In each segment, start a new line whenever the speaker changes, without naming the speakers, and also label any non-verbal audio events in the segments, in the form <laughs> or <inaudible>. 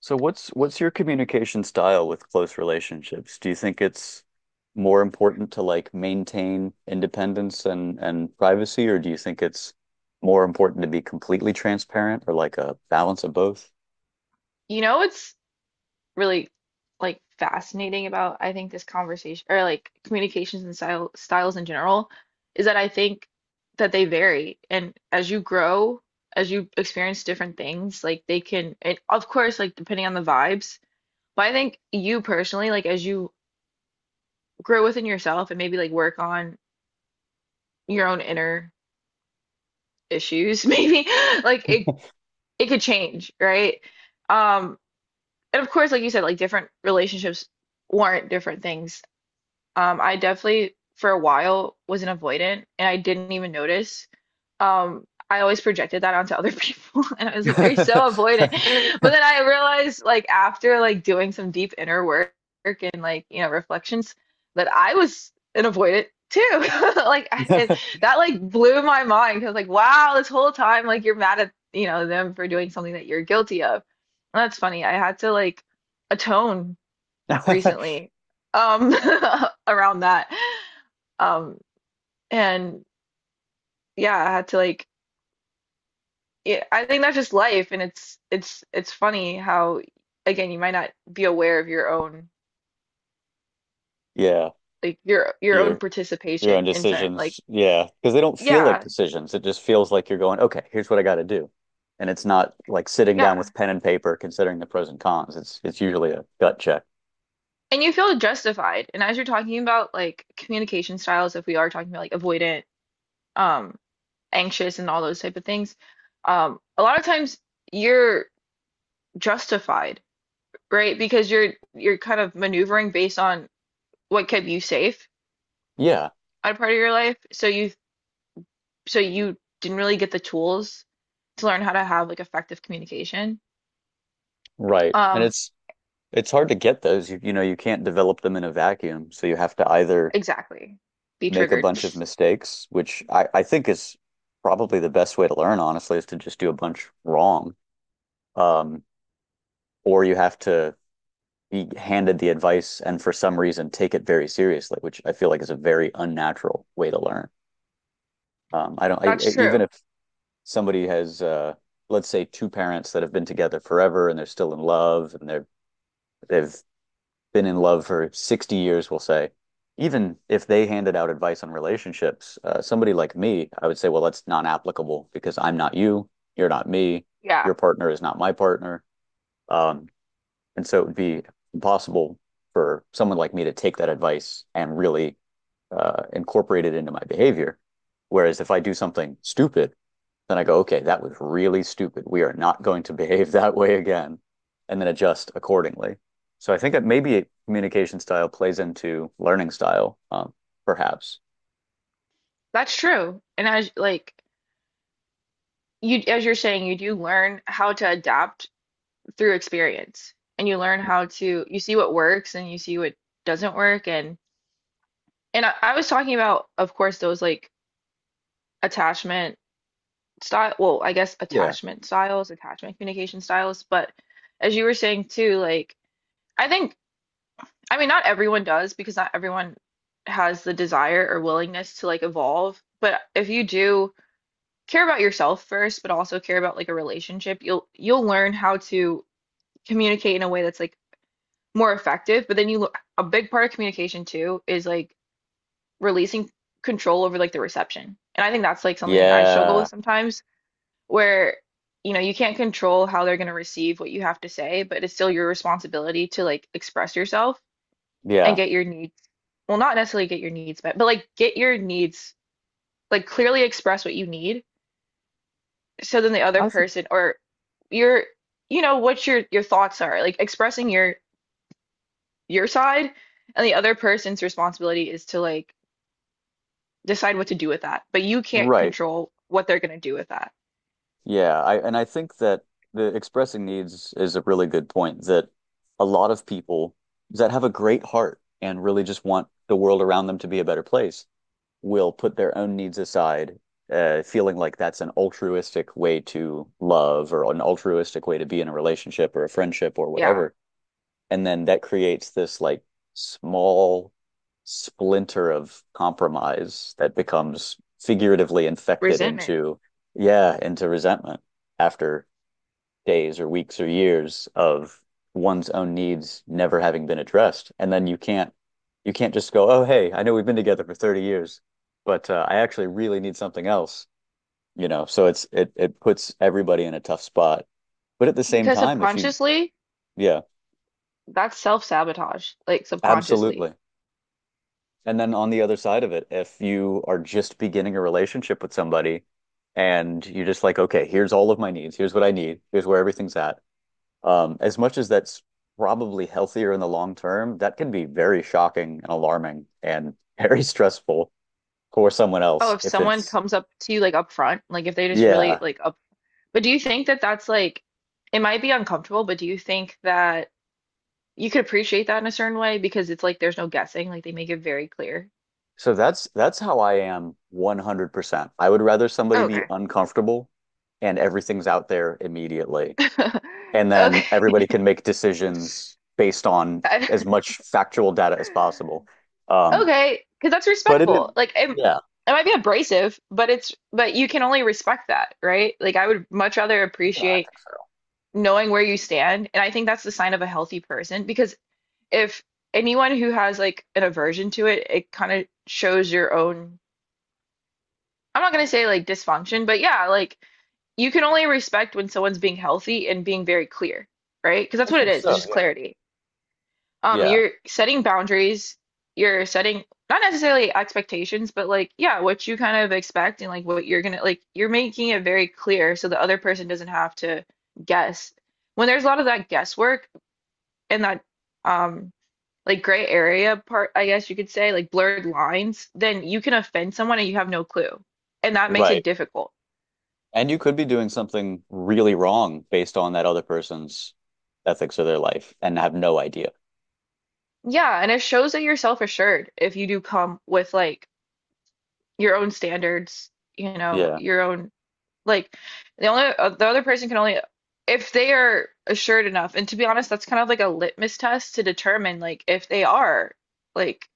So what's your communication style with close relationships? Do you think it's more important to like maintain independence and privacy, or do you think it's more important to be completely transparent or like a balance of both?
You know what's really like fascinating about I think this conversation or like communications and styles in general is that I think that they vary, and as you grow, as you experience different things, like they can, and of course like depending on the vibes, but I think you personally like as you grow within yourself and maybe like work on your own inner issues <laughs> maybe like it could change, right? Um and of course like you said, like different relationships warrant different things. I definitely for a while was an avoidant and I didn't even notice. I always projected that onto other people <laughs> and I was like, they're so
<laughs>
avoidant. <laughs> But then I realized like after like doing some deep inner work and like, you know, reflections that I was an avoidant too. <laughs> Like I, it, that like blew my mind because like, wow, this whole time like you're mad at, you know, them for doing something that you're guilty of. And that's funny. I had to like atone recently, um <laughs> around that, um and yeah, I had to like, yeah, I think that's just life and it's funny how again you might not be aware of your own
Yeah,
like your own
your your own
participation in certain like,
decisions. Yeah, because they don't feel like
yeah,
decisions. It just feels like you're going, okay, here's what I got to do. And it's not like sitting down
yeah,
with pen and paper considering the pros and cons. It's usually a gut check.
and you feel justified, and as you're talking about like communication styles, if we are talking about like avoidant, um anxious and all those type of things, a lot of times you're justified, right? Because you're kind of maneuvering based on what kept you safe
Yeah.
at a part of your life. So you didn't really get the tools to learn how to have like effective communication.
Right. And
Um,
it's hard to get those. You know, you can't develop them in a vacuum. So you have to either
exactly. Be
make a
triggered.
bunch of mistakes, which I think is probably the best way to learn, honestly, is to just do a bunch wrong. Um, or you have to be handed the advice and for some reason take it very seriously, which I feel like is a very unnatural way to learn. I don't,
<laughs> That's
I- Even
true.
if somebody has, let's say two parents that have been together forever and they're still in love and they've been in love for 60 years, we'll say, even if they handed out advice on relationships, somebody like me, I would say, well, that's non applicable because I'm not you, you're not me, your
Yeah,
partner is not my partner. Um, and so it would be impossible for someone like me to take that advice and really incorporate it into my behavior. Whereas if I do something stupid, then I go, okay, that was really stupid. We are not going to behave <laughs> that way again, and then adjust accordingly. So I think that maybe communication style plays into learning style, perhaps.
that's true. And as like you as you're saying, you do learn how to adapt through experience. And you learn how to, you see what works and you see what doesn't work, and I was talking about, of course, those like attachment style, well, I guess
Yeah.
attachment styles, attachment communication styles, but as you were saying too, like I think, I mean not everyone does because not everyone has the desire or willingness to like evolve, but if you do care about yourself first, but also care about like a relationship, you'll learn how to communicate in a way that's like more effective, but then you, a big part of communication too is like releasing control over like the reception. And I think that's like something I struggle
Yeah.
with sometimes where you know you can't control how they're going to receive what you have to say, but it's still your responsibility to like express yourself and
Yeah.
get your needs, well not necessarily get your needs met, but like get your needs like clearly, express what you need, so then the other
I think
person or your, you know, what your thoughts are, like expressing your side, and the other person's responsibility is to like decide what to do with that, but you can't
right.
control what they're going to do with that.
Yeah. I and I think that the expressing needs is a really good point that a lot of people that have a great heart and really just want the world around them to be a better place will put their own needs aside, feeling like that's an altruistic way to love or an altruistic way to be in a relationship or a friendship or
Yeah,
whatever. And then that creates this like small splinter of compromise that becomes figuratively infected
resentment,
into, yeah, into resentment after days or weeks or years of one's own needs never having been addressed. And then you can't just go, oh, hey, I know we've been together for 30 years, but I actually really need something else, you know. So it puts everybody in a tough spot. But at the same
because
time, if you
subconsciously,
yeah,
that's self-sabotage, like subconsciously.
absolutely. And then on the other side of it, if you are just beginning a relationship with somebody and you're just like, okay, here's all of my needs, here's what I need, here's where everything's at. As much as that's probably healthier in the long term, that can be very shocking and alarming and <laughs> very stressful for someone
Oh,
else
if
if
someone
it's,
comes up to you like up front, like if they just really
yeah.
like up, but do you think that that's like, it might be uncomfortable, but do you think that you could appreciate that in a certain way, because it's like there's no guessing, like they make it very clear.
So that's how I am 100%. I would rather somebody be
Okay.
uncomfortable and everything's out there immediately.
<laughs>
And then
Okay, <laughs>
everybody can make decisions based on
I-
as much factual data as possible. Um,
okay, because that's
but it is,
respectful. Like it
yeah,
might be abrasive, but it's but you can only respect that, right? Like I would much rather
yeah, I
appreciate
think so.
knowing where you stand, and I think that's the sign of a healthy person, because if anyone who has like an aversion to it, it kind of shows your own, I'm not gonna say like dysfunction, but yeah, like you can only respect when someone's being healthy and being very clear, right? Because that's
I
what it
think
is. It's
so,
just
yeah.
clarity.
Yeah,
You're setting boundaries, you're setting not necessarily expectations, but like, yeah, what you kind of expect, and like what you're gonna like, you're making it very clear so the other person doesn't have to guess. When there's a lot of that guesswork and that, um like gray area part, I guess you could say, like blurred lines, then you can offend someone and you have no clue. And that makes it
right.
difficult.
And you could be doing something really wrong based on that other person's ethics or their life and have no idea.
Yeah, and it shows that you're self-assured if you do come with like your own standards, you know,
Yeah.
your own like the only the other person can only if they are assured enough. And to be honest, that's kind of like a litmus test to determine like if they are like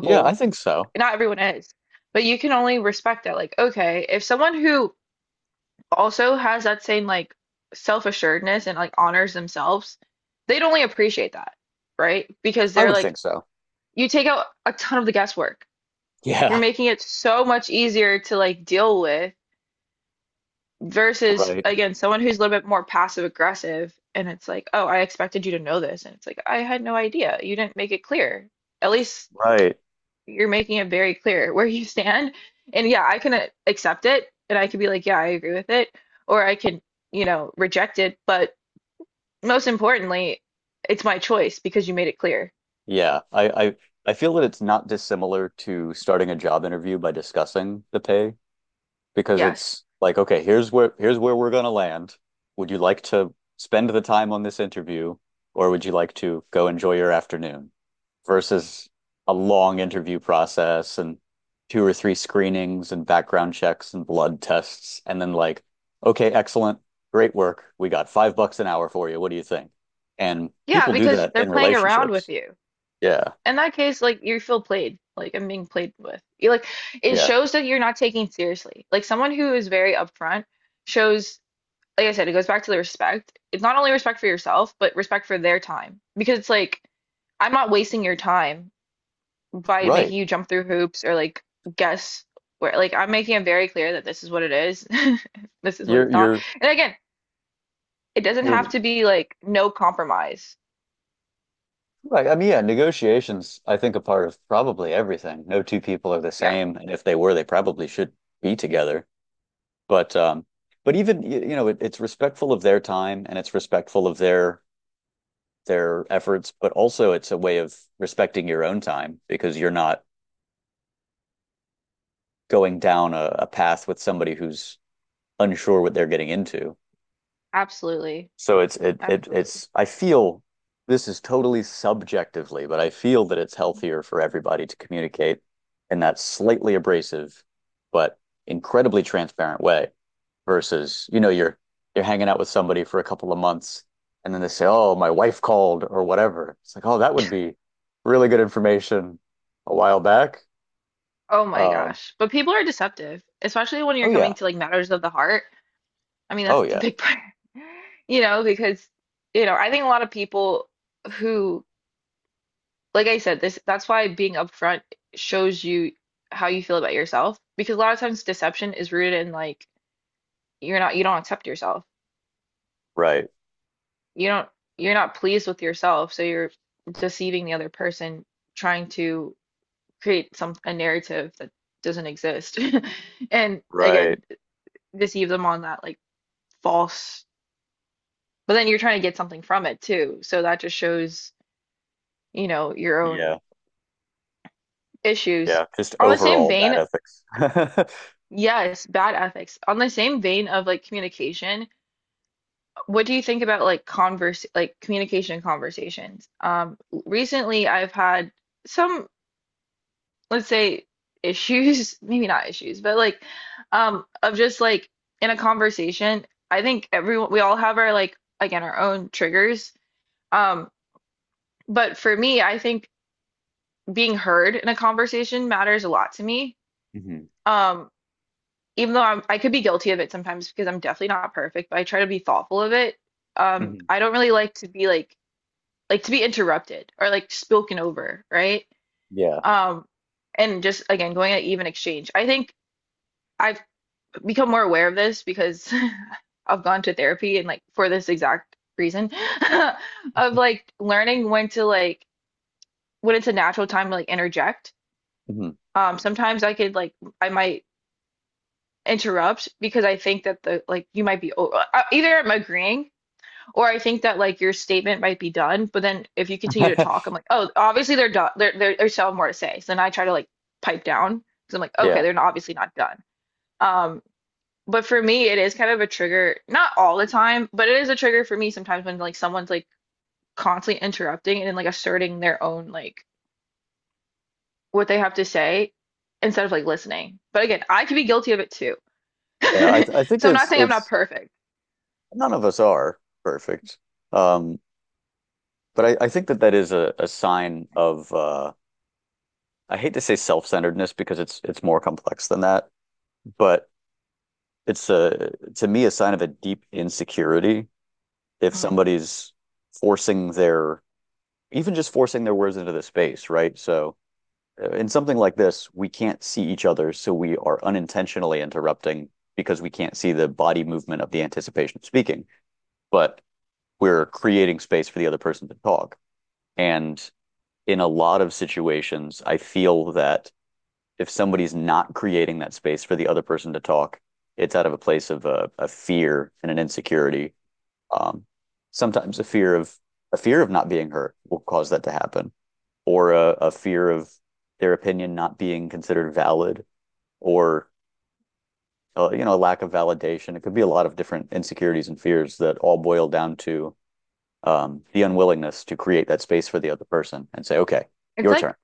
Yeah, I think so.
Not everyone is, but you can only respect that. Like, okay, if someone who also has that same like self-assuredness and like honors themselves, they'd only appreciate that, right? Because
I
they're
would
like,
think so.
you take out a ton of the guesswork. You're
Yeah.
making it so much easier to like deal with, versus
Right.
again, someone who's a little bit more passive aggressive and it's like, oh, I expected you to know this. And it's like, I had no idea. You didn't make it clear. At least
Right.
you're making it very clear <laughs> where you stand. And yeah, I can accept it and I could be like, yeah, I agree with it. Or I can, you know, reject it. But most importantly, it's my choice because you made it clear.
Yeah. I feel that it's not dissimilar to starting a job interview by discussing the pay because
Yes.
it's like, okay, here's where we're gonna land. Would you like to spend the time on this interview, or would you like to go enjoy your afternoon? Versus a long interview process and two or three screenings and background checks and blood tests, and then like, okay, excellent, great work. We got $5 an hour for you. What do you think? And
Yeah,
people do
because
that
they're
in
playing around with
relationships.
you.
Yeah,
In that case, like you feel played. Like I'm being played with. You like it
yeah,
shows that you're not taking seriously. Like someone who is very upfront shows, like I said, it goes back to the respect. It's not only respect for yourself, but respect for their time. Because it's like I'm not wasting your time by
right.
making you jump through hoops or like guess, where like I'm making it very clear that this is what it is. <laughs> This is what's
You're
not.
you're
And again, it doesn't
you're
have to be like no compromise.
Right. I mean, yeah, negotiations, I think, are part of probably everything. No two people are the
Yeah,
same, and if they were, they probably should be together. But um, but even you know, it's respectful of their time and it's respectful of their efforts, but also it's a way of respecting your own time because you're not going down a path with somebody who's unsure what they're getting into.
absolutely.
So it's it it
Absolutely.
it's I feel this is totally subjectively, but I feel that it's healthier for everybody to communicate in that slightly abrasive but incredibly transparent way versus, you know, you're hanging out with somebody for a couple of months and then they say, "Oh, my wife called" or whatever. It's like, "Oh, that would be really good information a while back."
Oh my
Um,
gosh. But people are deceptive, especially when
oh
you're
yeah.
coming to like matters of the heart. I mean, that's
Oh
the
yeah.
big part, <laughs> you know, because, you know, I think a lot of people who, like I said, this that's why being upfront shows you how you feel about yourself, because a lot of times deception is rooted in like you don't accept yourself.
Right.
You don't, you're not pleased with yourself, so you're deceiving the other person, trying to create some a narrative that doesn't exist. <laughs> And
Right.
again, deceive them on that like false, but then you're trying to get something from it too. So that just shows, you know, your own
Yeah.
issues.
Yeah. Just
On the same
overall bad
vein,
ethics. <laughs>
yes, bad ethics. On the same vein of like communication, what do you think about like converse like communication conversations? Recently I've had some, let's say, issues <laughs> maybe not issues but like, of just like in a conversation, I think everyone, we all have our like again our own triggers, um but for me I think being heard in a conversation matters a lot to me.
Hmm.
um Even though I'm, I could be guilty of it sometimes because I'm definitely not perfect, but I try to be thoughtful of it.
Hmm.
I don't really like to be interrupted or like spoken over, right?
Yeah.
um and just again going at even exchange, I think I've become more aware of this because <laughs> I've gone to therapy and like for this exact reason <laughs> of like learning when to like when it's a natural time to like interject.
Mhm.
Sometimes I could like I might interrupt because I think that the like you might be either I'm agreeing or I think that like your statement might be done, but then if you continue to talk, I'm
<laughs>
like, oh, obviously they're done. They're they're still have more to say. So then I try to like pipe down because I'm like, okay,
Yeah.
they're not, obviously not done. Um, But for me, it is kind of a trigger, not all the time, but it is a trigger for me sometimes when like someone's like constantly interrupting and like asserting their own like what they have to say instead of like listening. But again, I could be guilty of it too.
Yeah. I
<laughs>
I think
So I'm not saying I'm not
it's
perfect.
none of us are perfect. Um, but I think that that is a sign of I hate to say self-centeredness because it's more complex than that, but it's a to me a sign of a deep insecurity if
Mm.
somebody's forcing their even just forcing their words into the space, right? So in something like this, we can't see each other, so we are unintentionally interrupting because we can't see the body movement of the anticipation of speaking, but we're creating space for the other person to talk. And in a lot of situations, I feel that if somebody's not creating that space for the other person to talk, it's out of a place of a fear and an insecurity. Um, Sometimes a fear of not being heard will cause that to happen, or a fear of their opinion not being considered valid, or you know, a lack of validation. It could be a lot of different insecurities and fears that all boil down to the unwillingness to create that space for the other person and say, okay,
It's
your turn.
like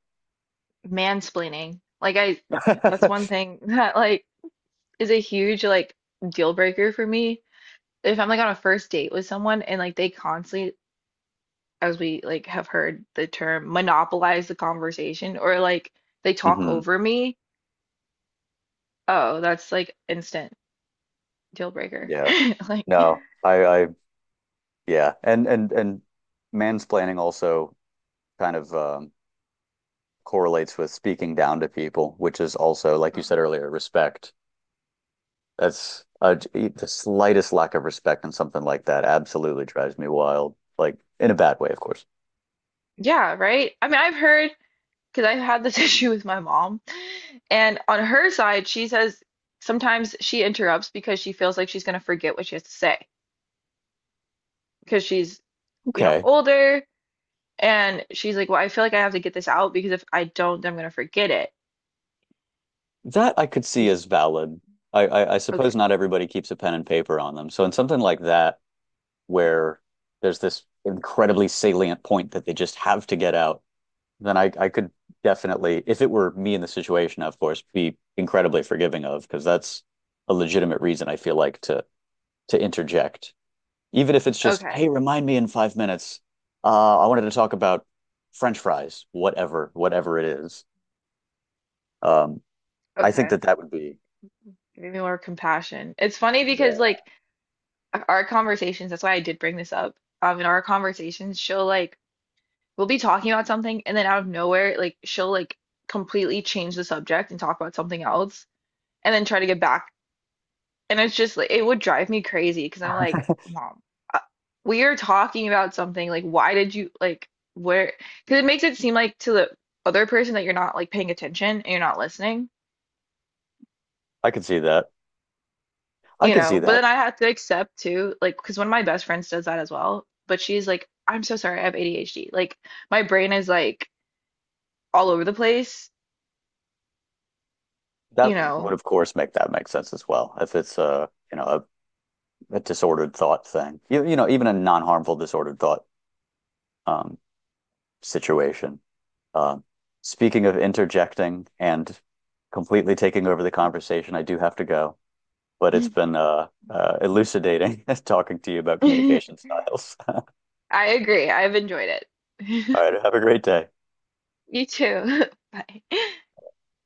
mansplaining. Like I, that's one
<laughs>
thing <laughs> that like is a huge like deal breaker for me. If I'm like on a first date with someone and like they constantly, as we like have heard the term, monopolize the conversation or like they talk
Hmm.
over me, oh, that's like instant deal breaker.
Yeah.
<laughs> Like,
No, yeah. And, and mansplaining also kind of correlates with speaking down to people, which is also, like you
mm,
said earlier, respect. That's the slightest lack of respect in something like that absolutely drives me wild, like in a bad way, of course.
yeah, right? I mean, I've heard because I've had this <laughs> issue with my mom. And on her side, she says sometimes she interrupts because she feels like she's going to forget what she has to say because she's, you know,
Okay.
older, and she's like, "Well, I feel like I have to get this out because if I don't, then I'm going to forget it."
That I could see
She's-
as valid. I
Okay.
suppose not everybody keeps a pen and paper on them. So in something like that, where there's this incredibly salient point that they just have to get out, then I could definitely, if it were me in the situation, of course, be incredibly forgiving of because that's a legitimate reason I feel like to interject, even if it's just,
Okay.
hey, remind me in 5 minutes. I wanted to talk about French fries, whatever, whatever it is. Um, I think
Okay,
that that would be,
maybe more compassion. It's funny because like
yeah,
our conversations, that's why I did bring this up. In our conversations, she'll like we'll be talking about something and then out of nowhere, like she'll like completely change the subject and talk about something else and then try to get back. And it's just like it would drive me crazy because I'm like,
<laughs>
Mom, uh, we are talking about something. Like, why did you like where? Because it makes it seem like to the other person that you're not like paying attention and you're not listening.
I could see that. I
You
could see
know, but
that.
then I have to accept too, like, because one of my best friends does that as well. But she's like, I'm so sorry, I have ADHD. Like, my brain is like all over the place,
That
you
would,
know.
of course, make that make sense as well. If it's, you know, a disordered thought thing. You know, even a non-harmful disordered thought um, situation. Uh, Speaking of interjecting and completely taking over the conversation, I do have to go, but it's
<laughs>
been elucidating <laughs> talking to you about
I
communication styles.
agree. I've enjoyed
<laughs>
it.
All right,
<laughs>
have a great day.
You too. <laughs> Bye.